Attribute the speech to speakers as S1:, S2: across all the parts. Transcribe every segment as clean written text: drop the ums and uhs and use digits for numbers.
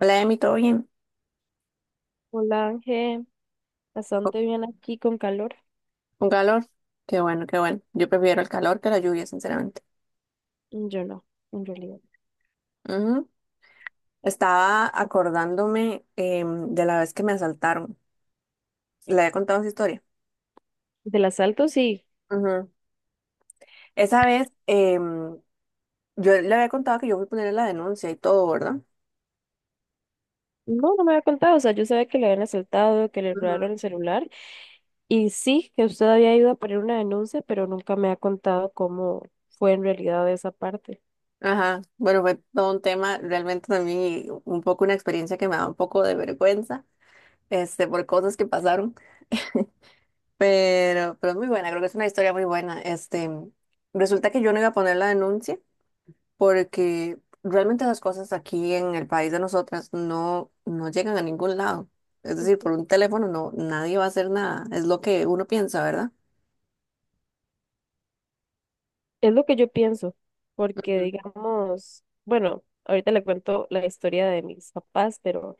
S1: Hola, Emi, ¿todo bien?
S2: Hola Ángel,
S1: Oh,
S2: bastante bien aquí con calor.
S1: ¿un calor? Qué bueno, qué bueno. Yo prefiero el calor que la lluvia, sinceramente.
S2: Yo no, en realidad.
S1: Ujú. Estaba acordándome de la vez que me asaltaron. Le había contado esa historia.
S2: Del asalto sí.
S1: Ujú. Esa vez, yo le había contado que yo fui a poner la denuncia y todo, ¿verdad?
S2: No, no me había contado. O sea, yo sabía que le habían asaltado, que le
S1: Ujú.
S2: robaron el celular. Y sí, que usted había ido a poner una denuncia, pero nunca me ha contado cómo fue en realidad esa parte.
S1: Ajá, bueno, fue todo un tema, realmente también y un poco una experiencia que me da un poco de vergüenza, este, por cosas que pasaron. Pero es muy buena, creo que es una historia muy buena. Este, resulta que yo no iba a poner la denuncia porque realmente las cosas aquí en el país de nosotras no llegan a ningún lado. Es decir, por un teléfono no, nadie va a hacer nada. Es lo que uno piensa, ¿verdad?
S2: Es lo que yo pienso, porque
S1: Ujú.
S2: digamos, bueno, ahorita le cuento la historia de mis papás, pero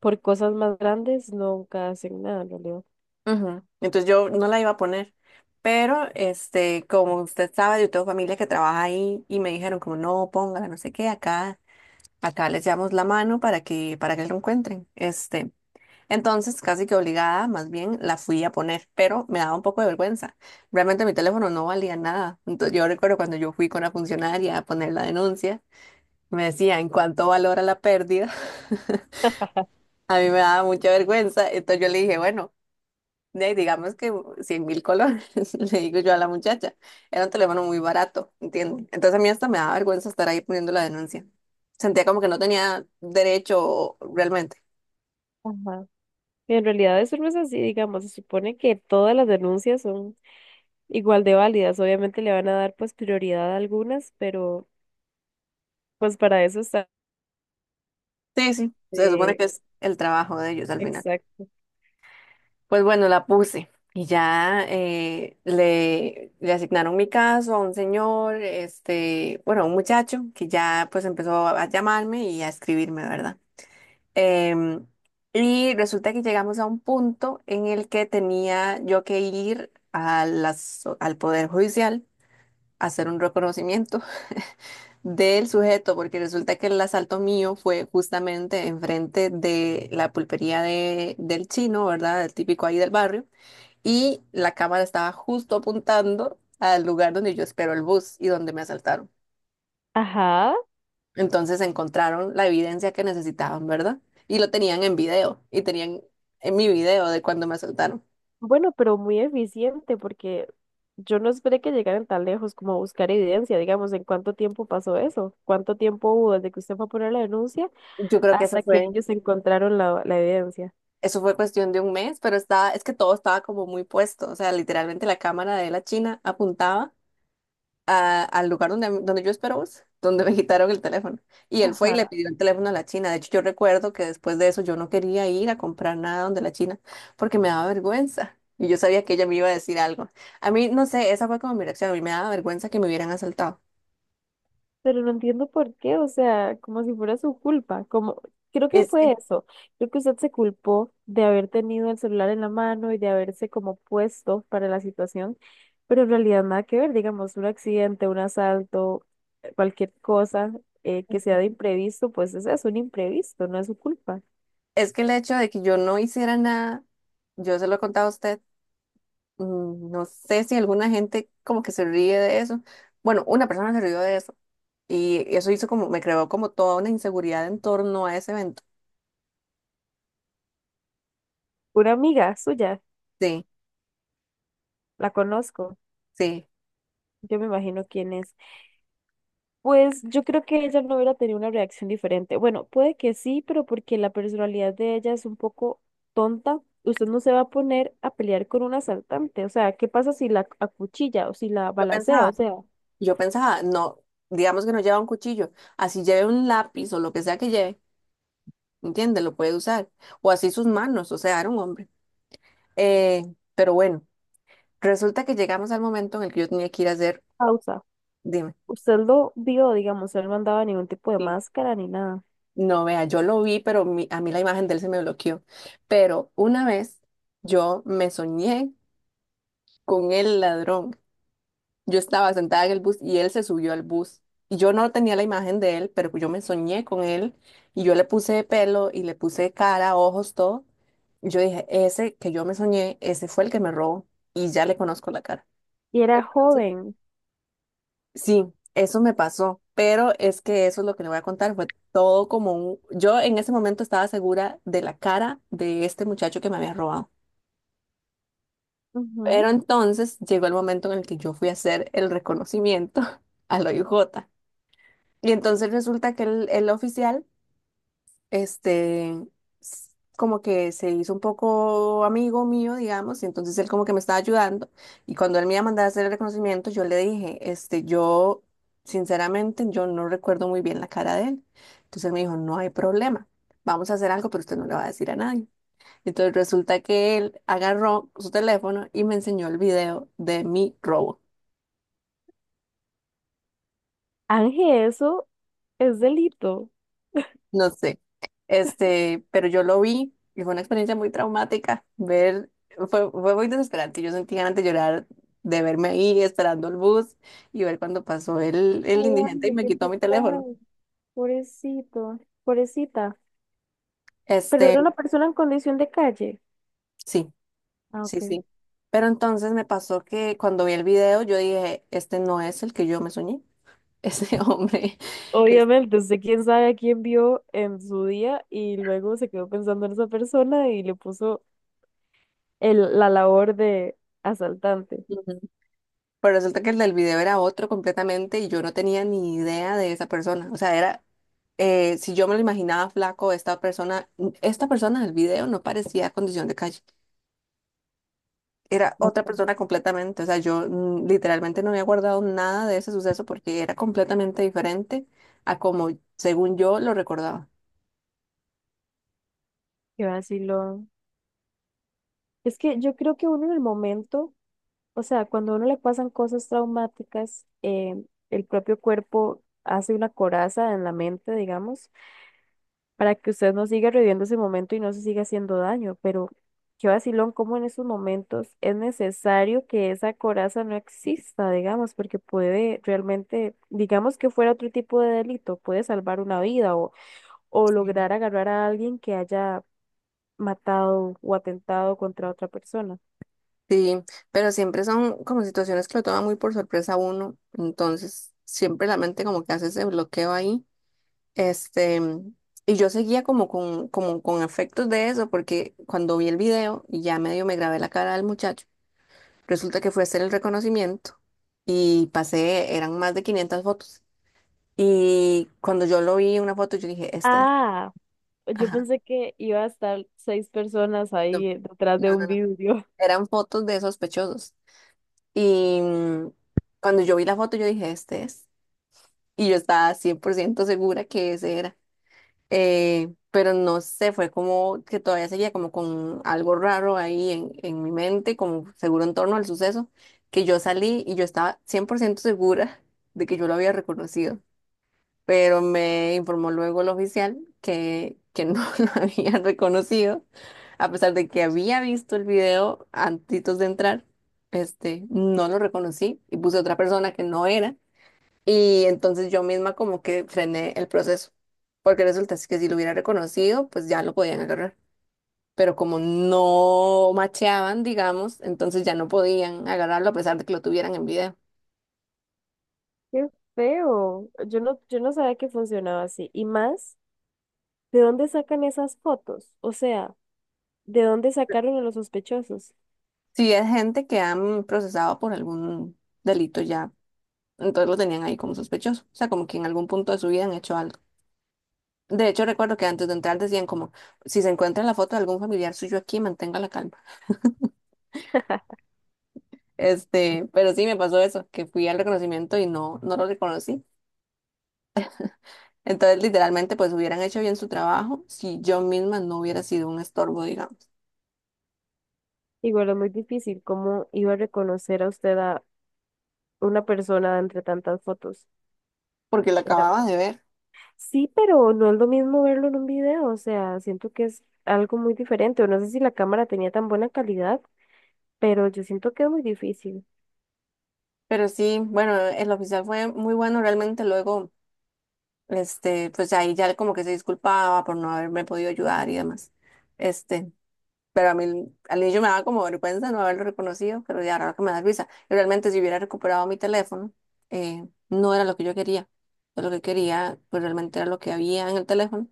S2: por cosas más grandes nunca hacen nada en realidad.
S1: Ujú. Entonces yo no la iba a poner, pero este, como usted sabe, yo tengo familia que trabaja ahí y me dijeron como no, póngala, no sé qué, acá, acá les llevamos la mano para que lo encuentren. Este, entonces, casi que obligada, más bien la fui a poner, pero me daba un poco de vergüenza. Realmente mi teléfono no valía nada. Entonces, yo recuerdo cuando yo fui con la funcionaria a poner la denuncia, me decía, ¿en cuánto valora la pérdida? A mí me daba mucha vergüenza. Entonces yo le dije, bueno, de ahí digamos que 100.000 colones, le digo yo a la muchacha. Era un teléfono muy barato, ¿entiendes? Entonces a mí hasta me daba vergüenza estar ahí poniendo la denuncia. Sentía como que no tenía derecho realmente.
S2: Ajá. En realidad eso no es así, digamos, se supone que todas las denuncias son igual de válidas. Obviamente le van a dar pues prioridad a algunas, pero pues para eso está...
S1: Sí, sí, se supone
S2: eh,
S1: que es el trabajo de ellos al final.
S2: exacto.
S1: Pues bueno, la puse y ya le, le asignaron mi caso a un señor, este, bueno, a un muchacho que ya pues empezó a llamarme y a escribirme, ¿verdad? Em, y resulta que llegamos a un punto en el que tenía yo que ir a las, al Poder Judicial a hacer un reconocimiento del sujeto, porque resulta que el asalto mío fue justamente enfrente de la pulpería de, del chino, ¿verdad? El típico ahí del barrio y la cámara estaba justo apuntando al lugar donde yo espero el bus y donde me asaltaron.
S2: Ajá.
S1: Entonces encontraron la evidencia que necesitaban, ¿verdad? Y lo tenían en video y tenían en mi video de cuando me asaltaron.
S2: Bueno, pero muy eficiente porque yo no esperé que llegaran tan lejos como a buscar evidencia, digamos, en cuánto tiempo pasó eso, cuánto tiempo hubo desde que usted fue a poner la denuncia
S1: Yo creo que
S2: hasta que ellos encontraron la evidencia.
S1: eso fue cuestión de un mes, pero estaba, es que todo estaba como muy puesto, o sea, literalmente la cámara de la China apuntaba al lugar donde, donde yo espero esperaba, donde me quitaron el teléfono. Y él fue y le
S2: Ajá.
S1: pidió el teléfono a la China. De hecho, yo recuerdo que después de eso yo no quería ir a comprar nada donde la China porque me daba vergüenza. Y yo sabía que ella me iba a decir algo. A mí, no sé, esa fue como mi reacción. A mí me daba vergüenza que me hubieran asaltado.
S2: Pero no entiendo por qué, o sea, como si fuera su culpa, como creo que
S1: Es
S2: fue
S1: que,
S2: eso, creo que usted se culpó de haber tenido el celular en la mano y de haberse como puesto para la situación, pero en realidad nada que ver, digamos, un accidente, un asalto, cualquier cosa que sea de imprevisto, pues es eso, un imprevisto, no es su culpa.
S1: es que el hecho de que yo no hiciera nada, yo se lo he contado a usted, mm, no sé si alguna gente como que se ríe de eso. Bueno, una persona se rió de eso. Y eso hizo como, me creó como toda una inseguridad en torno a ese evento.
S2: Una amiga suya,
S1: Sí,
S2: la conozco,
S1: sí.
S2: yo me imagino quién es. Pues yo creo que ella no hubiera tenido una reacción diferente. Bueno, puede que sí, pero porque la personalidad de ella es un poco tonta, usted no se va a poner a pelear con un asaltante. O sea, ¿qué pasa si la acuchilla o si la
S1: Yo
S2: balacea? O
S1: pensaba,
S2: sea,
S1: yo pensaba, no, digamos que no lleva un cuchillo, así lleve un lápiz o lo que sea que lleve, ¿entiendes? Lo puede usar. O así sus manos, o sea, era un hombre. Eh, pero bueno, resulta que llegamos al momento en el que yo tenía que ir a hacer,
S2: pausa.
S1: dime.
S2: Usted lo vio, digamos, él no andaba ningún tipo de
S1: Sí.
S2: máscara ni nada.
S1: No, vea, yo lo vi, pero a mí la imagen de él se me bloqueó. Pero una vez yo me soñé con el ladrón. Yo estaba sentada en el bus y él se subió al bus. Y yo no tenía la imagen de él, pero yo me soñé con él y yo le puse pelo y le puse cara, ojos, todo. Y yo dije, ese que yo me soñé, ese fue el que me robó y ya le conozco la cara.
S2: Y era
S1: Entonces,
S2: joven.
S1: sí, eso me pasó, pero es que eso es lo que le voy a contar, fue todo como un... Yo en ese momento estaba segura de la cara de este muchacho que me había robado,
S2: Ujú.
S1: pero entonces llegó el momento en el que yo fui a hacer el reconocimiento al OIJ. Y entonces resulta que el oficial, este, s- como que se hizo un poco amigo mío, digamos, y entonces él como que me estaba ayudando. Y cuando él me iba a mandar a hacer el reconocimiento, yo le dije, este, yo, sinceramente, yo no recuerdo muy bien la cara de él. Entonces él me dijo, no hay problema, vamos a hacer algo, pero usted no le va a decir a nadie. Entonces resulta que él agarró su teléfono y me enseñó el video de mi robo.
S2: Ángel, eso es delito.
S1: No sé. Este, pero yo lo vi y fue una experiencia muy traumática. Ver, fue muy desesperante. Yo sentí ganas de llorar de verme ahí esperando el bus y ver cuando pasó
S2: Ay,
S1: el indigente y
S2: Ángel,
S1: me
S2: qué
S1: quitó mi teléfono.
S2: pecado. Pobrecito, pobrecita. Pero
S1: Este,
S2: era una persona en condición de calle.
S1: sí,
S2: Ah,
S1: sí,
S2: ok.
S1: sí. Pero entonces me pasó que cuando vi el video yo dije, este no es el que yo me soñé. Ese hombre es-
S2: Obviamente, usted quién sabe a quién vio en su día y luego se quedó pensando en esa persona y le puso el, la labor de asaltante.
S1: ujú. Pero resulta que el del video era otro completamente y yo no tenía ni idea de esa persona. O sea, era, si yo me lo imaginaba flaco, esta persona del video no parecía condición de calle. Era
S2: No.
S1: otra persona completamente. O sea, literalmente no había guardado nada de ese suceso porque era completamente diferente a como, según yo, lo recordaba.
S2: Qué vacilón. Es que yo creo que uno en el momento, o sea, cuando a uno le pasan cosas traumáticas, el propio cuerpo hace una coraza en la mente, digamos, para que usted no siga reviviendo ese momento y no se siga haciendo daño. Pero qué vacilón, cómo en esos momentos es necesario que esa coraza no exista, digamos, porque puede realmente, digamos que fuera otro tipo de delito, puede salvar una vida o lograr agarrar a alguien que haya matado o atentado contra otra persona.
S1: Sí, pero siempre son como situaciones que lo toman muy por sorpresa a uno. Entonces, siempre la mente como que hace ese bloqueo ahí. Este, y yo seguía como con afectos de eso, porque cuando vi el video y ya medio me grabé la cara del muchacho, resulta que fue a hacer el reconocimiento y pasé, eran más de 500 fotos. Y cuando yo lo vi en una foto, yo dije, este, es".
S2: Ah, yo
S1: Ajá,
S2: pensé que iba a estar 6 personas
S1: no,
S2: ahí detrás de
S1: no,
S2: un
S1: no, no,
S2: vidrio.
S1: eran fotos de sospechosos. Y cuando yo vi la foto, yo dije, este es. Y yo estaba 100% segura que ese era. Eh, pero no sé, fue como que todavía seguía como con algo raro ahí en mi mente, como seguro en torno al suceso, que yo salí y yo estaba 100% segura de que yo lo había reconocido, pero me informó luego el oficial que no lo había reconocido, a pesar de que había visto el video antes de entrar, este, no lo reconocí y puse otra persona que no era. Y entonces yo misma como que frené el proceso, porque resulta es que si lo hubiera reconocido, pues ya lo podían agarrar. Pero como no macheaban, digamos, entonces ya no podían agarrarlo a pesar de que lo tuvieran en video.
S2: Qué feo. Yo no, yo no sabía que funcionaba así. Y más. ¿De dónde sacan esas fotos? O sea, ¿de dónde sacaron a los sospechosos?
S1: Si es gente que han procesado por algún delito ya, entonces lo tenían ahí como sospechoso. O sea, como que en algún punto de su vida han hecho algo. De hecho, recuerdo que antes de entrar decían como, si se encuentra la foto de algún familiar suyo aquí, mantenga la calma. Este, pero sí me pasó eso, que fui al reconocimiento y no, no lo reconocí. Entonces, literalmente, pues hubieran hecho bien su trabajo si yo misma no hubiera sido un estorbo, digamos,
S2: Igual es muy difícil. ¿Cómo iba a reconocer a usted a una persona entre tantas fotos?
S1: porque la
S2: Era,
S1: acababa de ver.
S2: sí, pero no es lo mismo verlo en un video. O sea, siento que es algo muy diferente. O no sé si la cámara tenía tan buena calidad, pero yo siento que es muy difícil.
S1: Pero sí, bueno, el oficial fue muy bueno realmente. Luego, este, pues ahí ya como que se disculpaba por no haberme podido ayudar y demás. Este, pero a mí al inicio me daba como vergüenza no haberlo reconocido, pero ya ahora que me da risa. Y realmente, si hubiera recuperado mi teléfono, no era lo que yo quería. Yo lo que quería, pues realmente era lo que había en el teléfono,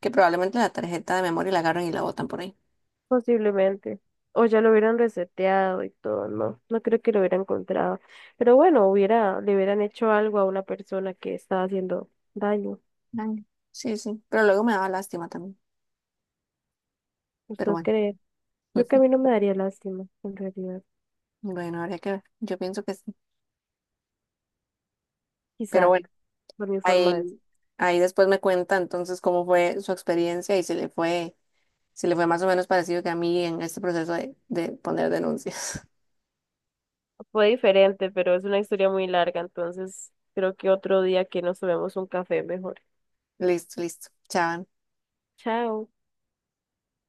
S1: que probablemente la tarjeta de memoria la agarran y la botan por ahí.
S2: Posiblemente. O ya lo hubieran reseteado y todo, no, no creo que lo hubiera encontrado. Pero bueno, hubiera, le hubieran hecho algo a una persona que estaba haciendo daño.
S1: Ay, sí, sí, pero luego me daba lástima también, pero
S2: ¿Usted
S1: bueno,
S2: cree? Creo que a mí no me daría lástima, en realidad.
S1: bueno, habría que ver, yo pienso que sí, pero
S2: Quizá,
S1: bueno,
S2: por mi forma de ser.
S1: ahí, ahí después me cuenta entonces cómo fue su experiencia y si le fue, si le fue más o menos parecido que a mí en este proceso de poner denuncias.
S2: Fue diferente, pero es una historia muy larga, entonces creo que otro día que nos tomemos un café mejor.
S1: Listo, listo, chao.
S2: Chao.